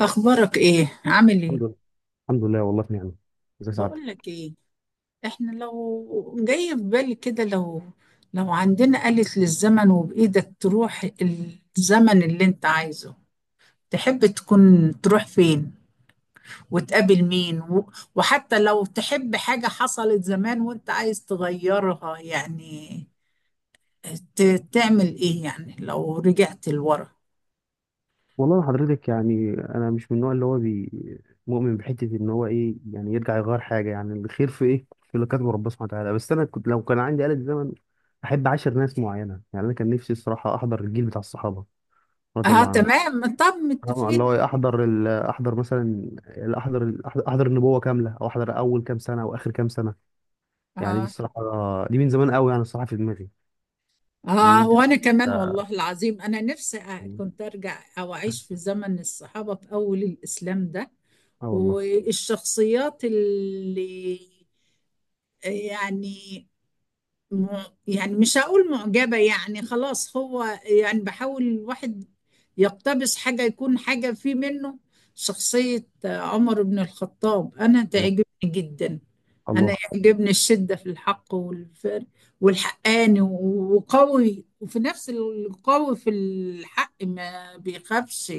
اخبارك ايه؟ عامل ايه؟ الحمد لله، الحمد لله، والله في نعمة. ازي بقول سعادتك؟ لك ايه، احنا لو جاي في بالي كده، لو عندنا آلة للزمن، وبايدك تروح الزمن اللي انت عايزه، تحب تكون تروح فين وتقابل مين، وحتى لو تحب حاجة حصلت زمان وانت عايز تغيرها يعني، تعمل ايه يعني لو رجعت لورا؟ والله أنا حضرتك، يعني انا مش من النوع اللي هو بي مؤمن بحتة، ان هو ايه يعني يرجع يغير حاجة، يعني الخير في ايه، في اللي كاتبه ربنا سبحانه وتعالى. بس انا كنت لو كان عندي آلة زمن احب عاشر ناس معينة. يعني انا كان نفسي الصراحة احضر الجيل بتاع الصحابة رضي اه الله عنهم. تمام، طب آه، متفقين. اللي هو إيه، احضر ال- احضر مثلا، ال- احضر ال- احضر أحضر النبوة كاملة، او احضر اول كام سنة واخر كام سنة. يعني دي اه. الصراحة، دي من زمان قوي يعني الصراحة في دماغي. الناس آه، دي وأنا كمان عايشة- والله العظيم أنا نفسي كنت أرجع أو أعيش في زمن الصحابة في أول الإسلام ده. اه والله. والشخصيات اللي يعني، يعني مش هقول معجبة يعني خلاص، هو يعني بحاول الواحد يقتبس حاجة يكون حاجة في منه. شخصية عمر بن الخطاب أنا الله. تعجبني جدا. أنا الله. يعجبني الشدة في الحق والفر، والحقاني وقوي، وفي نفس القوي في الحق ما بيخافش.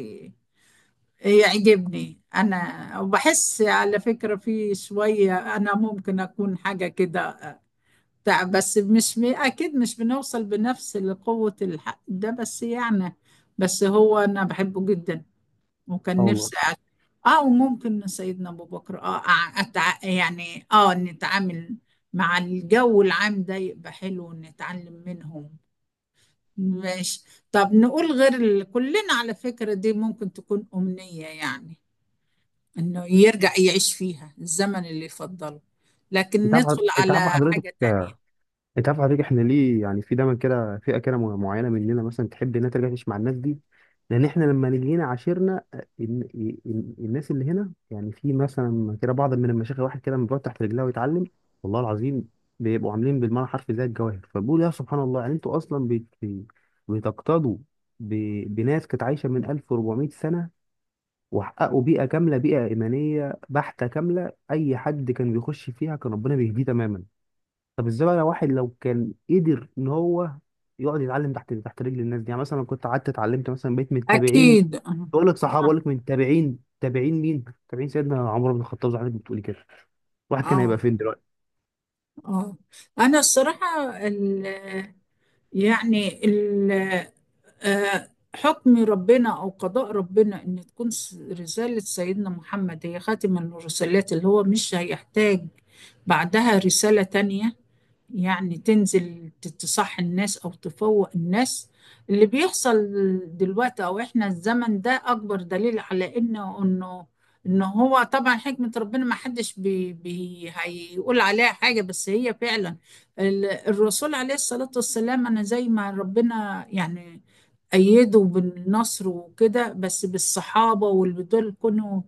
يعجبني أنا، وبحس على فكرة في شوية أنا ممكن أكون حاجة كده. تع- بس مش م- اكيد مش بنوصل بنفس لقوة الحق ده، بس يعني، بس هو انا بحبه جدا، اه وكان والله. نفسي اه. وممكن سيدنا ابو بكر اه، يعني اه نتعامل مع الجو العام ده، يبقى حلو ونتعلم منهم. ماشي. طب نقول غير ال... كلنا على فكرة دي ممكن تكون أمنية يعني، انه يرجع يعيش فيها الزمن اللي يفضله، لكن انت عارف ندخل انت عارف على حضرتك حاجة تانية. انت عارف حضرتك، احنا ليه يعني في دايما كده فئه كده معينه مننا مثلا تحب انها ترجع تعيش مع الناس دي؟ لان احنا لما نيجي هنا عاشرنا الناس اللي هنا، يعني في مثلا كده بعض من المشايخ واحد كده من بيقعد تحت رجلها ويتعلم. والله العظيم بيبقوا عاملين بالمعنى حرفي زي الجواهر. فبقول يا سبحان الله، يعني انتوا اصلا بتقتدوا بناس كانت عايشه من 1400 سنه، وحققوا بيئه كامله، بيئه ايمانيه بحته كامله. اي حد كان بيخش فيها كان ربنا بيهديه تماما. طب ازاي بقى واحد لو كان قدر ان هو يقعد يتعلم تحت تحت رجل الناس دي؟ يعني مثلا لو كنت قعدت اتعلمت مثلا بقيت من تابعين، أكيد آه. بقول لك صحابه، بقول لك من تابعين، تابعين مين؟ تابعين سيدنا عمر بن الخطاب زي ما حضرتك بتقولي كده. الواحد كان هيبقى اه. فين دلوقتي؟ اه. انا الصراحه ال، يعني ال، آه، حكم ربنا او قضاء ربنا ان تكون رساله سيدنا محمد هي خاتم الرسالات، اللي هو مش هيحتاج بعدها رساله تانية، يعني تنزل تصح الناس او تفوق الناس. اللي بيحصل دلوقتي، او احنا الزمن ده اكبر دليل على انه، ان هو طبعا حكمة ربنا ما حدش بي هيقول عليها حاجة، بس هي فعلا الرسول عليه الصلاة والسلام، انا زي ما ربنا يعني أيده بالنصر وكده، بس بالصحابة، واللي دول كانوا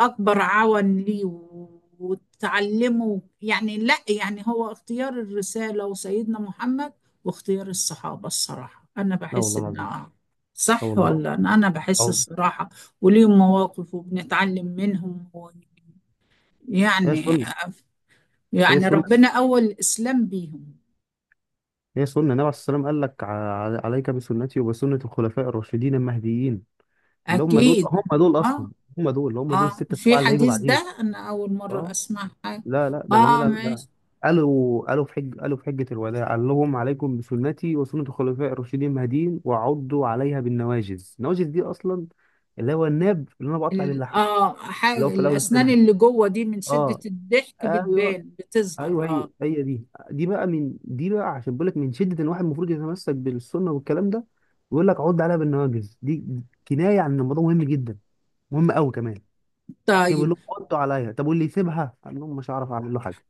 أكبر عون ليه وتعلمه يعني. لا يعني هو اختيار الرسالة وسيدنا محمد، واختيار الصحابة الصراحة أنا لا بحس والله إن العظيم. آه، لا صح والله. ولا؟ أنا بحس أو الصراحة، وليهم مواقف وبنتعلم منهم هي يعني، سنة هي يعني سنة ربنا أول الإسلام بيهم. هي سنة النبي عليه السلام. قال لك عليك بسنتي وبسنة الخلفاء الراشدين المهديين، اللي هم دول، أكيد. اصلا، آه. هم دول آه الستة في السبعة اللي هيجوا حديث، بعدين. ده أنا أول مرة اه. أسمع حاجة. لا لا، ده آه جميل. ده ماشي. قالوا في حجة الوداع، قال لهم: عليكم بسنتي وسنة الخلفاء الراشدين المهديين وعضوا عليها بالنواجذ. النواجذ دي أصلا اللي هو الناب اللي أنا بقطع بيه اللحم، اللي هو في الأول الاسنان التمام. اللي جوه دي من شدة اه. الضحك ايوه. بتبان، بتظهر ايوه، هي اه. هي دي. دي بقى، من دي بقى عشان بقول لك من شدة ان واحد المفروض يتمسك بالسنة. والكلام ده بيقول لك عض عليها بالنواجذ. دي كناية عن إن الموضوع مهم جدا، مهم قوي كمان. كان بيقول طيب. لهم عضوا عليها. طب واللي يسيبها؟ قال لهم مش هعرف اعمل له حاجة.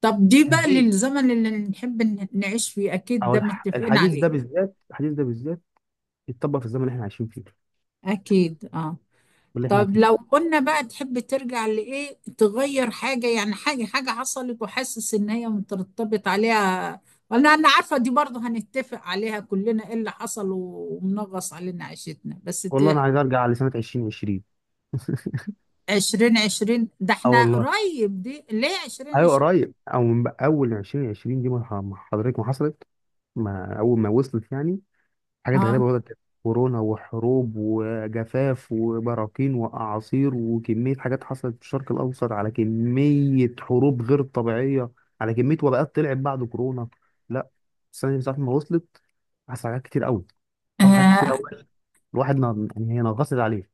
طب مش دي بقى تهديد. للزمن اللي نحب نعيش فيه، اكيد او ده متفقين الحديث ده عليه. بالذات، الحديث ده بالذات يتطبق في الزمن اللي احنا عايشين فيه، اكيد اه. واللي احنا طب فيه. لو قلنا بقى، تحب ترجع لايه؟ تغير حاجة يعني، حاجة حاجة حصلت وحاسس ان هي مترتبط عليها، ولا؟ انا عارفة دي برضه هنتفق عليها كلنا، ايه اللي حصل ومنغص علينا عيشتنا، بس والله انا ت-. عايز ارجع لسنه 2020. عشرين عشرين؟ ده اه احنا والله، قريب، دي ليه عشرين ايوه عشرين؟ قريب. او من بقى اول 2020 دي، ما حضرتك ما حصلت، ما اول ما وصلت يعني حاجات اه. غريبه بدات تحصل. كورونا وحروب وجفاف وبراكين واعاصير وكميه حاجات حصلت في الشرق الاوسط، على كميه حروب غير طبيعيه، على كميه وباءات طلعت بعد كورونا. لا، السنه دي من ساعه ما وصلت حصل حاجات كتير قوي حصل حاجات كتير آه، قوي. الواحد يعني هي نغصت عليه.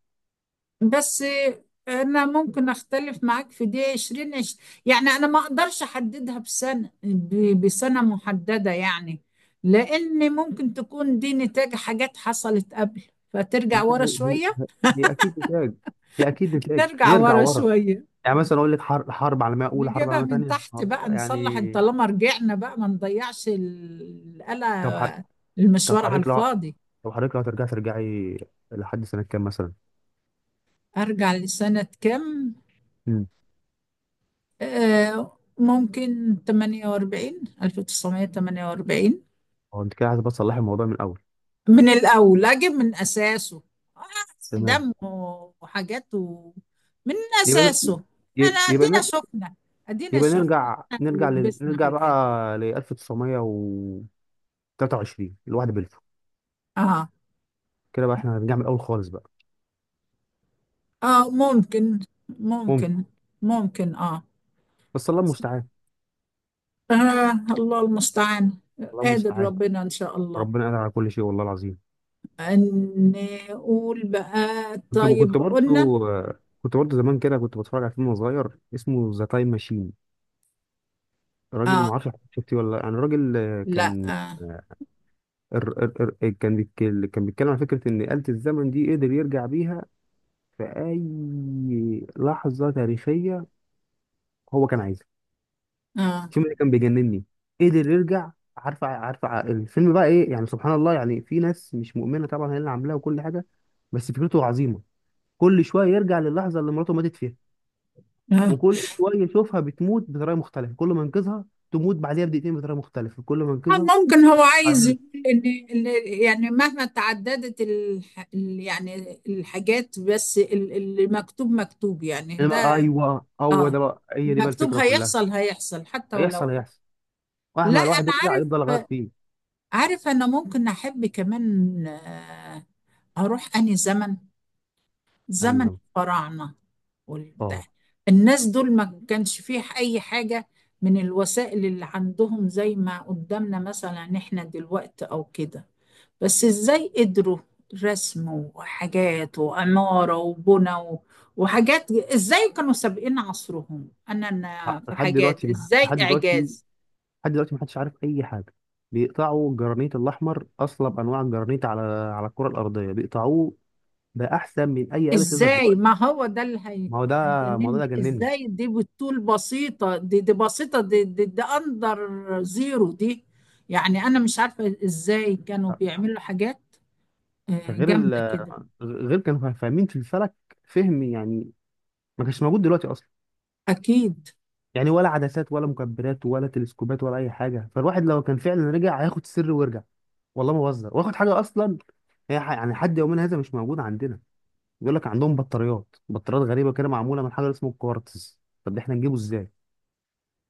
بس آه، انا ممكن اختلف معاك في دي، 20 عش-. يعني انا ما اقدرش احددها بسنه بسنه محدده يعني، لان ممكن تكون دي نتاج حاجات حصلت قبل، فترجع ما ورا هي... شويه. هي... هي اكيد نتاج، نرجع نرجع ورا ورا. شويه، يعني مثلا اقول لك حرب، حرب عالميه اولى، حرب نجيبها عالميه من ثانيه، تحت بقى، والله يعني. نصلح إن طالما رجعنا بقى، ما نضيعش طب حر... القلق، طب المشوار على حضرتك لو الفاضي. طب حضرتك لو هترجعي، ترجعي لحد سنه كام مثلا؟ ارجع لسنه كام؟ امم آه، ممكن 48، 1948. هو انت كده عايز بس تصلحي الموضوع من الاول. من الأول أجيب من أساسه، آه، تمام. دم وحاجات من يبقى ن... أساسه. أنا ي- يبقى أدينا نر... شفنا، أدينا يبقى شفنا نرجع، اللي لبسنا في نرجع بقى الآخر. ل 1923. الواحد بلفو آه. كده. بقى احنا هنرجع من الاول خالص بقى. آه ممكن. ممكن. ممكن. ممكن آه. بس الله المستعان. آه الله المستعان. الله قادر المستعان. ربنا إن شاء الله، ربنا قادر على كل شيء، والله العظيم. أن نقول بقى. كنت كنت طيب قلنا. برضو كنت برضو زمان كده كنت بتفرج على فيلم صغير اسمه ذا تايم ماشين. راجل، آه. ما اعرفش شفتيه ولا لأ. يعني راجل، آه، لا كان آه. ار ار ار كان بيتكلم على فكرة ان آلة الزمن دي قدر يرجع بيها في اي لحظة تاريخية هو كان عايزها. آه. الفيلم ده كان بيجنني. قدر يرجع، الفيلم بقى ايه يعني. سبحان الله يعني، في ناس مش مؤمنة طبعا هي اللي عاملاه وكل حاجة، بس فكرته عظيمة. كل شويه يرجع للحظه اللي مراته ماتت فيها، آه. وكل شويه يشوفها بتموت بطريقه مختلفه. كل ما ينقذها تموت بعديها بدقيقتين بطريقه مختلفه، كل ما آه، ينقذها ممكن هو عايز بعديها. يقول ان إن، يعني مهما تعددت يعني الحاجات، بس اللي مكتوب مكتوب يعني ده. انما ايوه هو اه، ده بقى، هي دي بقى المكتوب الفكره كلها. هيحصل هيحصل حتى هيحصل ولو. هيحصل، لا مهما الواحد انا يرجع عارف، يفضل يغير فيه. عارف. انا ممكن احب كمان آه، اروح اني زمن، يعني زمن زمان. الفراعنة والبتاع. اه. الناس دول ما كانش فيه أي حاجة من الوسائل اللي عندهم زي ما قدامنا مثلا احنا دلوقتي أو كده، بس ازاي قدروا؟ رسم وحاجات وعمارة وبنى وحاجات. ازاي كانوا سابقين عصرهم؟ أنا في لحد حاجات دلوقتي ما- ازاي لحد دلوقتي، إعجاز! لحد دلوقتي محدش عارف اي حاجه. بيقطعوا الجرانيت الاحمر، اصلب انواع الجرانيت، على على الكره الارضيه، بيقطعوه بقى احسن من اي آلة ليزر ازاي؟ دلوقتي. ما هو ده اللي هي ما هو ده الموضوع، ده هيجنني. اللي جنني. ازاي دي؟ بالطول بسيطة، دي بسيطة، دي اندر زيرو دي. يعني انا مش عارفة ازاي كانوا بيعملوا حاجات ده آه، غير جامدة كده. غير كانوا فاهمين في الفلك فهم، يعني ما كانش موجود دلوقتي اصلا. اكيد. يعني ولا عدسات ولا مكبرات ولا تلسكوبات ولا اي حاجه. فالواحد لو كان فعلا رجع هياخد سر ويرجع. والله ما بهزر، واخد حاجه اصلا يعني لحد يومنا هذا مش موجود عندنا. بيقول لك عندهم بطاريات، بطاريات غريبه كده معموله من حاجه اسمه الكوارتز. طب ده احنا نجيبه ازاي؟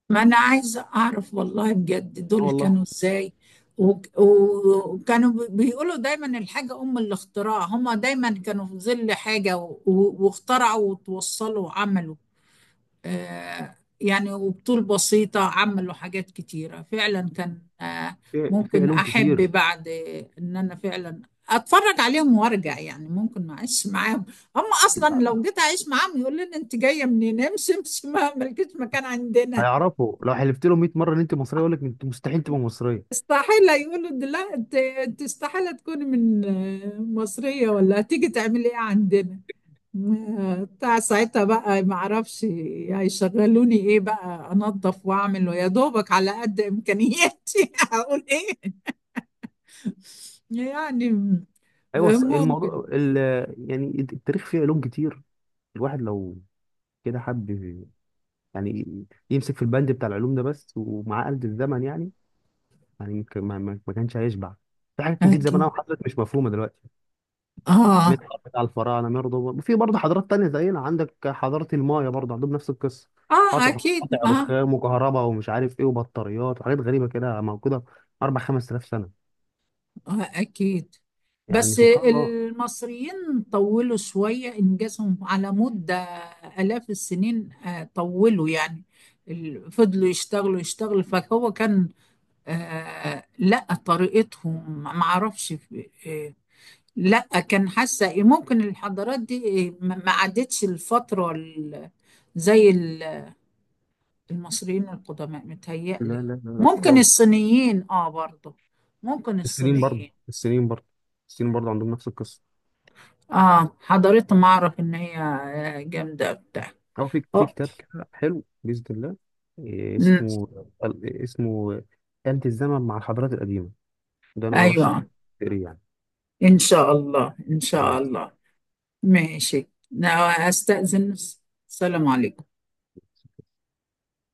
ما انا عايزة اعرف والله بجد، اه دول والله. كانوا ازاي؟ وكانوا بيقولوا دايما الحاجة ام الاختراع، هما دايما كانوا في ظل حاجة واخترعوا وتوصلوا وعملوا آه، يعني وبطول بسيطة عملوا حاجات كتيرة فعلا، كان آه، في ممكن علوم أحب كتير. بعد إن أنا فعلا أتفرج عليهم وأرجع، يعني ممكن ما أعيش معاهم. هم أصلا لو جيت أعيش معاهم يقول لنا أنت جاية منين، امشي امشي، ما ملكيش مكان عندنا. هيعرفوا لو حلفت لهم 100 مره ان انت مصريه يقول لك انت مستحيل تبقى مصريه. استحالة يقولوا ده. لا، أنت استحالة تكوني من آه، مصرية، ولا هتيجي تعملي إيه عندنا؟ بتاع ساعتها بقى ما اعرفش هيشغلوني ايه بقى، انظف واعمل ويا دوبك على قد امكانياتي هقول ايه يعني ايوه، ممكن. يعني التاريخ فيه علوم كتير. الواحد لو كده حب يعني يمسك في البند بتاع العلوم ده بس ومع آلة الزمن، يعني يعني يمكن ما كانش هيشبع. في حاجات كتير زمان اكيد قوي حصلت مش مفهومه دلوقتي، اه. منها بتاع الفراعنه برضه، وفي برضه حضارات تانية زينا. عندك حضاره المايا برضه عندهم نفس القصه. اه قطع اكيد قطع اه. رخام وكهرباء ومش عارف ايه وبطاريات وحاجات غريبه كده موجوده اربع خمس آلاف سنه. آه اكيد. يعني بس سبحان الله. المصريين طولوا شوية إنجازهم على مدة آلاف السنين آه، طولوا يعني فضلوا يشتغلوا يشتغلوا، فهو كان آه. لا طريقتهم ما اعرفش. آه. لا، كان حاسه إيه، ممكن الحضارات دي إيه، ما عدتش الفتره زي ال- المصريين القدماء متهيألي. لا لا لا لا ممكن خالص. الصينيين اه برضه، ممكن السنين برضه الصينيين. السنين برضه السنين برضه عندهم نفس القصه. اه حضارتهم اعرف ان هي آه، جامده بتاع. أو في آه. كتاب كده حلو بإذن الله. إيه أمم. اسمه؟ اسمه آلة الزمن مع الحضارات القديمة. ده أنا أرشح ايوه. تقريه يعني. ان شاء الله، ان بإذن شاء الله. الله. ماشي. أنا استأذن. السلام عليكم.